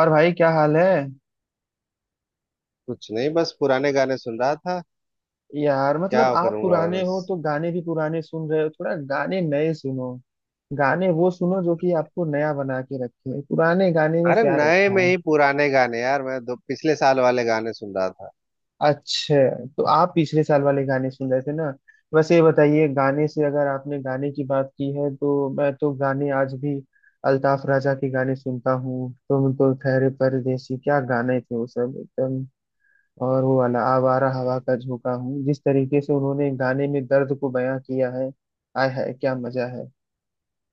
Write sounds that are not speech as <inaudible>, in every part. और भाई क्या हाल है। कुछ नहीं, बस पुराने गाने सुन रहा था। यार क्या मतलब आप करूंगा, और पुराने हो बस-। तो गाने भी पुराने सुन रहे हो, थोड़ा गाने नए सुनो। गाने वो सुनो जो कि आपको नया बना के रखे, पुराने गाने में अरे क्या नए रखा में है। ही पुराने गाने यार। मैं दो पिछले साल वाले गाने सुन रहा था। अच्छा, तो आप पिछले साल वाले गाने सुन रहे थे ना। वैसे ये बताइए, गाने से अगर आपने गाने की बात की है तो मैं तो गाने आज भी अल्ताफ राजा के गाने सुनता हूँ। तुम तो ठहरे परदेसी, क्या गाने थे वो, सब एकदम। और वो वाला आवारा हवा का झोंका हूँ, जिस तरीके से उन्होंने गाने में दर्द को बयां किया है, आय हाय क्या मजा है।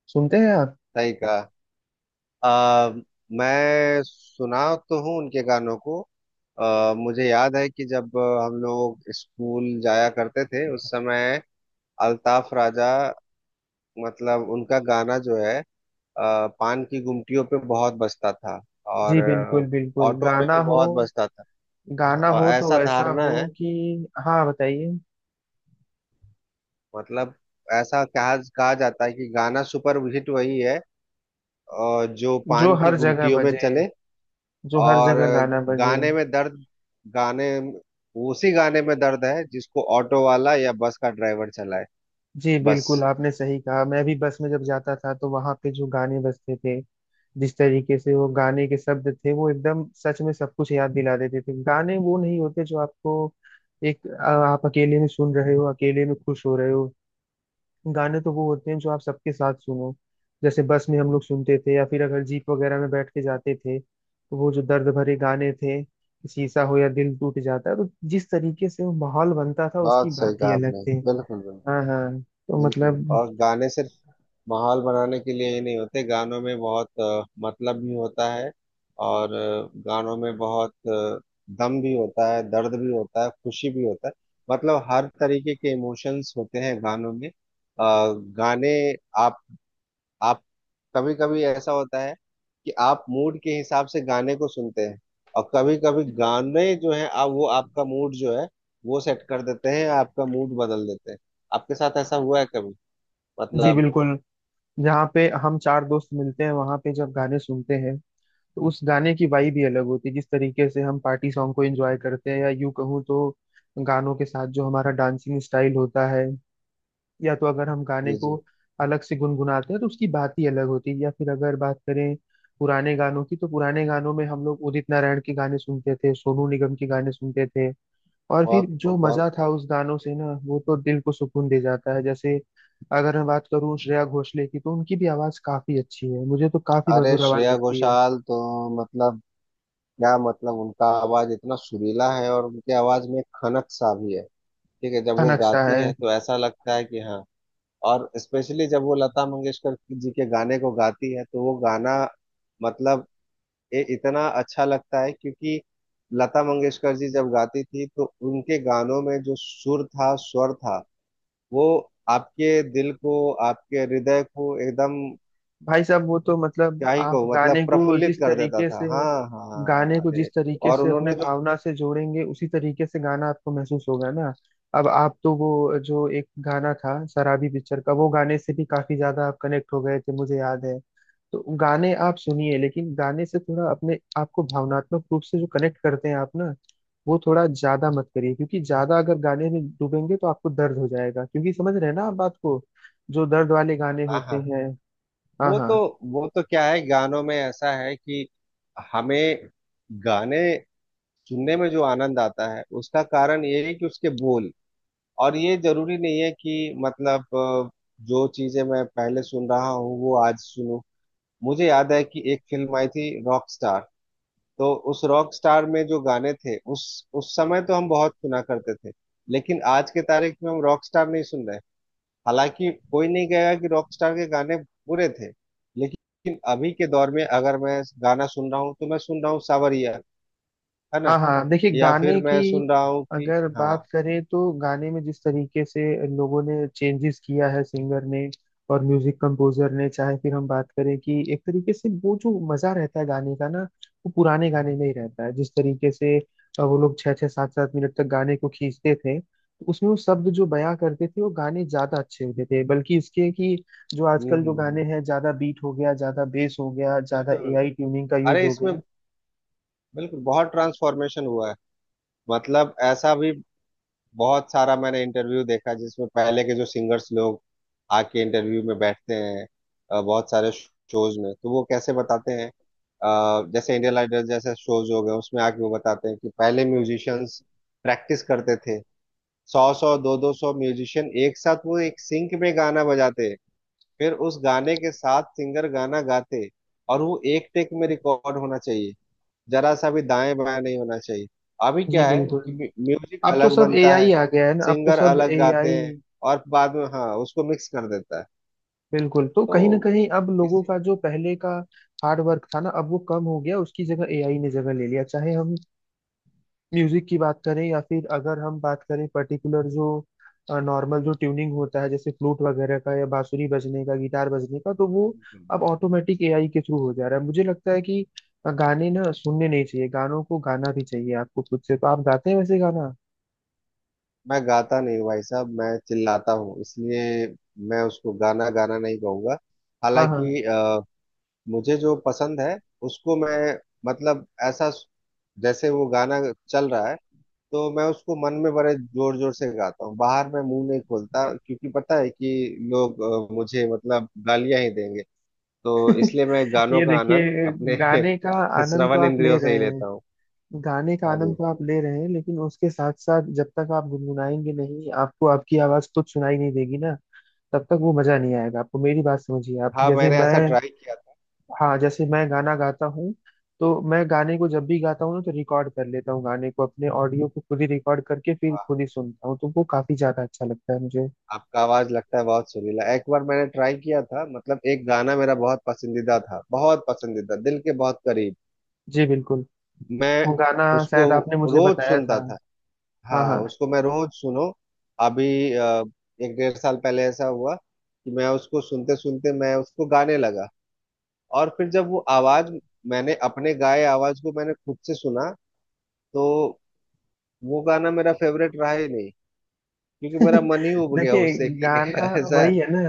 सुनते हैं आप। सही कहा। आ, मैं सुना तो हूँ उनके गानों को। मुझे याद है कि जब हम लोग स्कूल जाया करते थे उस समय अल्ताफ राजा, मतलब उनका गाना जो है, पान की गुमटियों पे बहुत बजता था। और जी बिल्कुल बिल्कुल, ऑटो में गाना भी हो, बहुत बजता था। गाना और हो तो ऐसा वैसा धारणा हो है, कि हाँ बताइए। मतलब ऐसा कहा कहा जाता है कि गाना सुपर हिट वही है, और जो जो पान की हर जगह गुमटियों में बजे, चले। जो हर और जगह गाना बजे। गाने में दर्द गाने उसी गाने में दर्द है जिसको ऑटो वाला या बस का ड्राइवर चलाए। जी बस। बिल्कुल, आपने सही कहा। मैं भी बस में जब जाता था तो वहां पे जो गाने बजते थे, जिस तरीके से वो गाने के शब्द थे, वो एकदम सच में सब कुछ याद दिला देते थे। गाने वो नहीं होते जो आपको आप अकेले में सुन रहे हो, अकेले में खुश हो रहे हो। गाने तो वो होते हैं जो आप सबके साथ सुनो, जैसे बस में हम लोग सुनते थे या फिर अगर जीप वगैरह में बैठ के जाते थे, तो वो जो दर्द भरे गाने थे, शीशा हो या दिल टूट जाता है, तो जिस तरीके से वो माहौल बनता था उसकी बहुत सही बात ही कहा अलग आपने, थी। बिल्कुल बिल्कुल। हाँ हाँ, तो बिल्कुल। मतलब। और गाने सिर्फ माहौल बनाने के लिए ही नहीं होते, गानों में बहुत मतलब भी होता है। और गानों में बहुत दम भी होता है, दर्द भी होता है, खुशी भी होता है। मतलब हर तरीके के इमोशंस होते हैं गानों में। अ, गाने आप आप कभी कभी ऐसा होता है कि आप मूड के हिसाब से गाने को सुनते हैं। और कभी कभी गाने जो है, आप वो, आपका मूड जो है वो सेट कर देते हैं, आपका मूड बदल देते हैं। आपके साथ ऐसा हुआ है कभी? जी मतलब। बिल्कुल, जहाँ पे हम चार दोस्त मिलते हैं वहां पे जब गाने सुनते हैं, तो उस गाने की वाइब ही अलग होती है। जिस तरीके से हम पार्टी सॉन्ग को एंजॉय करते हैं, या यूं कहूँ तो गानों के साथ जो हमारा डांसिंग स्टाइल होता है, या तो अगर हम गाने को जी। अलग से गुनगुनाते हैं तो उसकी बात ही अलग होती है। या फिर अगर बात करें पुराने गानों की, तो पुराने गानों में हम लोग उदित नारायण के गाने सुनते थे, सोनू निगम के गाने सुनते थे, और फिर बहुत जो खूब, बहुत मजा था खूब। उस गानों से ना, वो तो दिल को सुकून दे जाता है। जैसे अगर मैं बात करूँ श्रेया घोषाल की, तो उनकी भी आवाज काफी अच्छी है, मुझे तो काफी अरे मधुर आवाज श्रेया लगती है। घोषाल तो, मतलब, क्या मतलब, उनका आवाज इतना सुरीला है, और उनके आवाज में खनक सा भी है। ठीक है, जब का वो नक्शा गाती है। है तो ऐसा लगता है कि हाँ। और स्पेशली जब वो लता मंगेशकर जी के गाने को गाती है तो वो गाना, मतलब, ये इतना अच्छा लगता है क्योंकि लता मंगेशकर जी जब गाती थी तो उनके गानों में जो सुर था, स्वर था, वो आपके दिल को, आपके हृदय को एकदम, भाई साहब वो तो मतलब, क्या ही आप कहूँ, मतलब गाने को प्रफुल्लित जिस कर देता तरीके था। से, हाँ, हाँ हाँ, गाने हाँ, को जिस अरे, तरीके और से अपने उन्होंने जो। भावना से जोड़ेंगे, उसी तरीके से गाना आपको महसूस होगा ना। अब आप तो वो जो एक गाना था शराबी पिक्चर का, वो गाने से भी काफी ज्यादा आप कनेक्ट हो गए थे, मुझे याद है। तो गाने आप सुनिए, लेकिन गाने से थोड़ा अपने आपको भावनात्मक रूप से जो कनेक्ट करते हैं आप ना, वो थोड़ा ज्यादा मत करिए, क्योंकि ज्यादा अगर गाने में डूबेंगे तो आपको दर्द हो जाएगा, क्योंकि समझ रहे हैं ना आप बात को, जो दर्द वाले गाने हाँ होते हाँ। हैं। हाँ वो हाँ। तो वो तो क्या है, गानों में ऐसा है कि हमें गाने सुनने में जो आनंद आता है उसका कारण ये है कि उसके बोल। और ये जरूरी नहीं है कि मतलब, जो चीजें मैं पहले सुन रहा हूँ वो आज सुनूं। मुझे याद है कि एक फिल्म आई थी रॉक। तो उस रॉक स्टार में जो गाने थे उस समय तो हम बहुत सुना करते थे। लेकिन आज के तारीख में हम रॉक स्टार नहीं सुन रहे। हालांकि कोई नहीं कहेगा कि रॉक स्टार के गाने बुरे थे। लेकिन अभी के दौर में अगर मैं गाना सुन रहा हूँ तो मैं सुन रहा हूँ सावरिया, है ना। हाँ हाँ, देखिए या फिर गाने की मैं सुन रहा हूँ कि अगर हाँ। बात करें, तो गाने में जिस तरीके से लोगों ने चेंजेस किया है, सिंगर ने और म्यूजिक कंपोजर ने, चाहे फिर हम बात करें, कि एक तरीके से वो जो मजा रहता है गाने का ना, वो पुराने गाने में ही रहता है। जिस तरीके से वो लोग छः छः सात सात मिनट तक गाने को खींचते थे, तो उसमें वो शब्द जो बयां करते थे, वो गाने ज्यादा अच्छे होते थे, बल्कि इसके कि जो आजकल जो गाने हम्म। हैं, ज्यादा बीट हो गया, ज्यादा बेस हो गया, ज्यादा बिल्कुल बिल्कुल। एआई ट्यूनिंग का यूज अरे हो इसमें गया। बिल्कुल बहुत ट्रांसफॉर्मेशन हुआ है। मतलब ऐसा भी बहुत सारा मैंने इंटरव्यू देखा जिसमें पहले के जो सिंगर्स लोग आके इंटरव्यू में बैठते हैं। बहुत सारे शोज में तो वो कैसे बताते हैं, जैसे इंडियन आइडल जैसे शोज हो गए, उसमें आके वो बताते हैं कि पहले म्यूजिशियंस प्रैक्टिस करते थे, 100-100, 200-200 म्यूजिशियन एक साथ, वो एक सिंक में गाना बजाते, फिर उस गाने के साथ सिंगर गाना गाते, और वो एक टेक में रिकॉर्ड होना चाहिए, जरा सा भी दाएं बाएं नहीं होना चाहिए। अभी जी क्या है कि बिल्कुल, म्यूजिक अब तो अलग सब बनता एआई है, आ गया है ना, अब तो सिंगर सब अलग गाते एआई। हैं, और बाद में हाँ, उसको मिक्स कर देता है, बिल्कुल, तो कहीं ना तो कहीं अब लोगों इसी। का जो पहले का हार्ड वर्क था ना, अब वो कम हो गया, उसकी जगह एआई ने जगह ले लिया। चाहे हम म्यूजिक की बात करें, या फिर अगर हम बात करें पर्टिकुलर जो नॉर्मल जो ट्यूनिंग होता है, जैसे फ्लूट वगैरह का या बांसुरी बजने का, गिटार बजने का, तो वो बिल्कुल, अब बिल्कुल। ऑटोमेटिक एआई के थ्रू हो जा रहा है। मुझे लगता है कि गाने ना सुनने नहीं चाहिए, गानों को गाना भी चाहिए आपको खुद से। तो आप गाते हैं वैसे गाना? मैं गाता नहीं हूँ भाई साहब, मैं चिल्लाता हूँ, इसलिए मैं उसको गाना गाना नहीं कहूँगा। हाँ हाँ, हालांकि मुझे जो पसंद है उसको मैं, मतलब ऐसा, जैसे वो गाना चल रहा है तो मैं उसको मन में बड़े जोर जोर से गाता हूँ, बाहर मैं मुंह नहीं खोलता क्योंकि पता है कि लोग मुझे मतलब गालियां ही देंगे। तो इसलिए मैं गानों ये का आनंद देखिए, अपने गाने का <laughs> आनंद तो श्रवण आप ले इंद्रियों से ही रहे लेता हूँ। हैं, गाने का हाँ आनंद जी। तो आप ले रहे हैं, लेकिन उसके साथ साथ जब तक आप गुनगुनाएंगे नहीं, आपको आपकी आवाज खुद सुनाई नहीं देगी ना, तब तक वो मजा नहीं आएगा आपको। मेरी बात समझिए आप, हाँ, जैसे मैंने ऐसा मैं, ट्राई किया था। हाँ जैसे मैं गाना गाता हूँ, तो मैं गाने को जब भी गाता हूँ ना, तो रिकॉर्ड कर लेता हूँ गाने को, अपने ऑडियो को खुद ही रिकॉर्ड करके फिर वाह, खुद ही सुनता हूँ, तो वो काफी ज्यादा अच्छा लगता है मुझे। आपका आवाज लगता है बहुत सुरीला। एक बार मैंने ट्राई किया था, मतलब एक गाना मेरा बहुत पसंदीदा था, बहुत पसंदीदा, दिल के बहुत करीब। जी बिल्कुल, मैं वो गाना उसको शायद आपने मुझे रोज बताया था। सुनता था। हाँ हाँ, हाँ। उसको मैं रोज सुनो। अभी अ, 1-1.5 साल पहले ऐसा हुआ कि मैं उसको सुनते सुनते मैं उसको गाने लगा। और फिर जब वो आवाज मैंने अपने गाए आवाज को मैंने खुद से सुना, तो वो गाना मेरा फेवरेट रहा ही नहीं, क्योंकि मेरा <laughs> मन ही उब गया देखिए, उससे कि गाना <laughs> ऐसा है। वही है ना,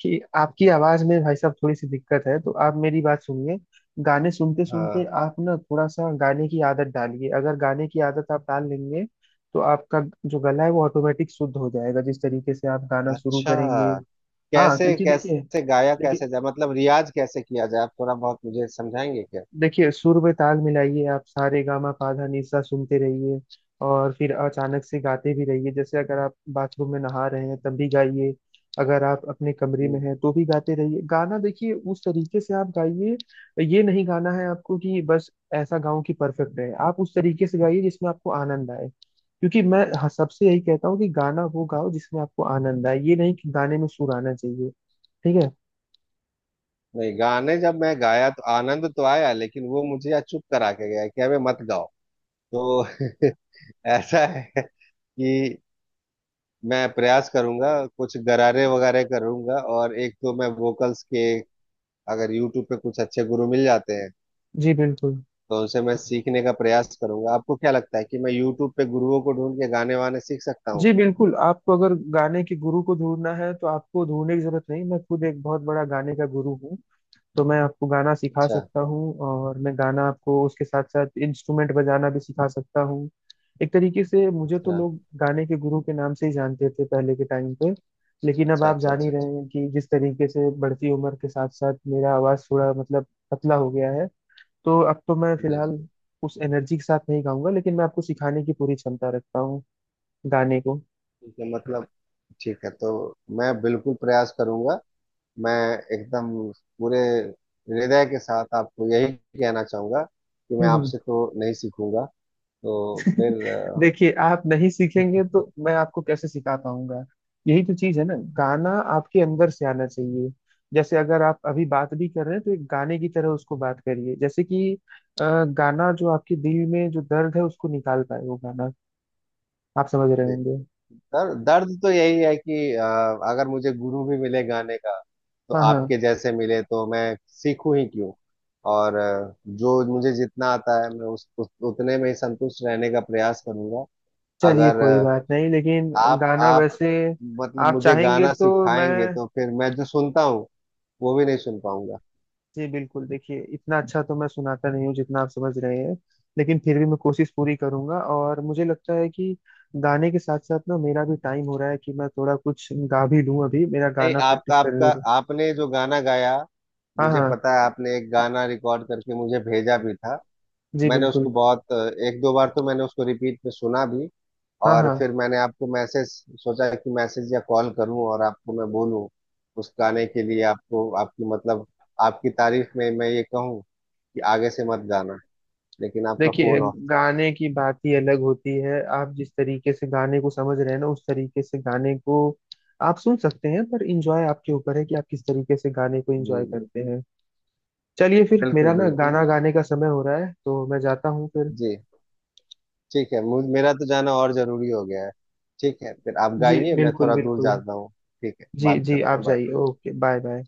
कि आपकी आवाज में भाई साहब थोड़ी सी दिक्कत है, तो आप मेरी बात सुनिए, गाने सुनते सुनते हाँ, आप ना थोड़ा सा गाने की आदत डालिए। अगर गाने की आदत आप डाल लेंगे, तो आपका जो गला है वो ऑटोमेटिक शुद्ध हो जाएगा, जिस तरीके से आप गाना शुरू अच्छा, करेंगे। हाँ कैसे क्योंकि देखिए, कैसे गाया, कैसे देखिए जाए, मतलब रियाज कैसे किया जाए, आप थोड़ा बहुत मुझे समझाएंगे क्या? देखिए सुर में ताल मिलाइए आप, सारे गामा पाधा निसा सुनते रहिए, और फिर अचानक से गाते भी रहिए। जैसे अगर आप बाथरूम में नहा रहे हैं तब भी गाइए, अगर आप अपने कमरे में हम्म। हैं तो भी गाते रहिए। गाना देखिए उस तरीके से आप गाइए, ये नहीं गाना है आपको कि बस ऐसा गाऊं कि परफेक्ट रहे। आप उस तरीके से गाइए जिसमें आपको आनंद आए, क्योंकि मैं सबसे यही कहता हूँ कि गाना वो गाओ जिसमें आपको आनंद आए, ये नहीं कि गाने में सुर आना चाहिए। ठीक है। नहीं गाने, जब मैं गाया तो आनंद तो आया, लेकिन वो मुझे आज चुप करा के गया कि अबे मत गाओ। तो <laughs> ऐसा है कि मैं प्रयास करूंगा, कुछ गरारे वगैरह करूंगा, और एक तो मैं वोकल्स के, अगर यूट्यूब पे कुछ अच्छे गुरु मिल जाते हैं जी बिल्कुल, तो उनसे मैं सीखने का प्रयास करूंगा। आपको क्या लगता है कि मैं यूट्यूब पे गुरुओं को ढूंढ के गाने वाने सीख सकता हूँ? जी बिल्कुल, आपको अगर गाने के गुरु को ढूंढना है, तो आपको ढूंढने की जरूरत नहीं, मैं खुद एक बहुत बड़ा गाने का गुरु हूँ। तो मैं आपको गाना सिखा अच्छा सकता हूँ, और मैं गाना आपको उसके साथ साथ इंस्ट्रूमेंट बजाना भी सिखा सकता हूँ। एक तरीके से मुझे तो अच्छा लोग गाने के गुरु के नाम से ही जानते थे पहले के टाइम पे। लेकिन अब अच्छा आप अच्छा, जान ही अच्छा अच्छा, रहे हैं कि जिस तरीके से बढ़ती उम्र के साथ साथ मेरा आवाज थोड़ा मतलब पतला हो गया है, तो अब तो मैं जी फिलहाल जी। उस एनर्जी के साथ नहीं गाऊंगा, लेकिन मैं आपको सिखाने की पूरी क्षमता रखता हूँ गाने को। ठीक है, मतलब ठीक है, तो मैं बिल्कुल प्रयास करूंगा। मैं एकदम पूरे हृदय के साथ आपको यही कहना चाहूंगा कि मैं हम्म हम्म। आपसे तो नहीं सीखूंगा। तो फिर देखिए, आप नहीं सीखेंगे तो मैं आपको कैसे सिखा पाऊंगा, यही तो चीज है ना। गाना आपके अंदर से आना चाहिए, जैसे अगर आप अभी बात भी कर रहे हैं तो एक गाने की तरह उसको बात करिए, जैसे कि अ, गाना जो आपके दिल में जो दर्द है उसको निकाल पाए, वो गाना। आप समझ रहे दे- होंगे। दर्द दर्द तो यही है कि अगर मुझे गुरु भी मिले गाने का, तो हाँ हाँ, आपके जैसे मिले तो मैं सीखूं ही क्यों। और जो मुझे जितना आता है मैं उस उतने में ही संतुष्ट रहने का प्रयास करूंगा। चलिए अगर कोई बात नहीं, लेकिन आप गाना आप वैसे मतलब आप मुझे चाहेंगे गाना तो मैं, सिखाएंगे तो फिर मैं जो सुनता हूँ वो भी नहीं सुन पाऊंगा। जी बिल्कुल, देखिए इतना अच्छा तो मैं सुनाता नहीं हूँ जितना आप समझ रहे हैं, लेकिन फिर भी मैं कोशिश पूरी करूंगा। और मुझे लगता है कि गाने के साथ साथ ना मेरा भी टाइम हो रहा है, कि मैं थोड़ा कुछ गा भी लूँ, अभी मेरा नहीं, गाना आपका प्रैक्टिस आपका करने में। आपने जो गाना गाया, हाँ मुझे हाँ। पता है, आपने एक गाना रिकॉर्ड करके मुझे भेजा भी था। जी मैंने उसको बिल्कुल। बहुत, 1-2 बार तो मैंने उसको रिपीट में सुना भी। हाँ और हाँ, फिर मैंने आपको मैसेज सोचा कि मैसेज या कॉल करूं और आपको मैं बोलूं, उस गाने के लिए आपको आपकी, मतलब आपकी तारीफ में मैं ये कहूं कि आगे से मत गाना, लेकिन आपका देखिए फोन ऑफ। गाने की बात ही अलग होती है, आप जिस तरीके से गाने को समझ रहे हैं ना, उस तरीके से गाने को आप सुन सकते हैं, पर इंजॉय आपके ऊपर है कि आप किस तरीके से गाने को इंजॉय जी जी, करते हैं। चलिए फिर मेरा बिल्कुल ना बिल्कुल, गाना गाने का समय हो रहा है, तो मैं जाता हूँ फिर। जी। ठीक है, मुझ मेरा तो जाना और जरूरी हो गया है। ठीक है, फिर आप जी गाइए, मैं बिल्कुल थोड़ा दूर बिल्कुल। जाता हूँ। ठीक है, जी बात जी, करते आप हैं, बाय। जाइए, ओके बाय बाय।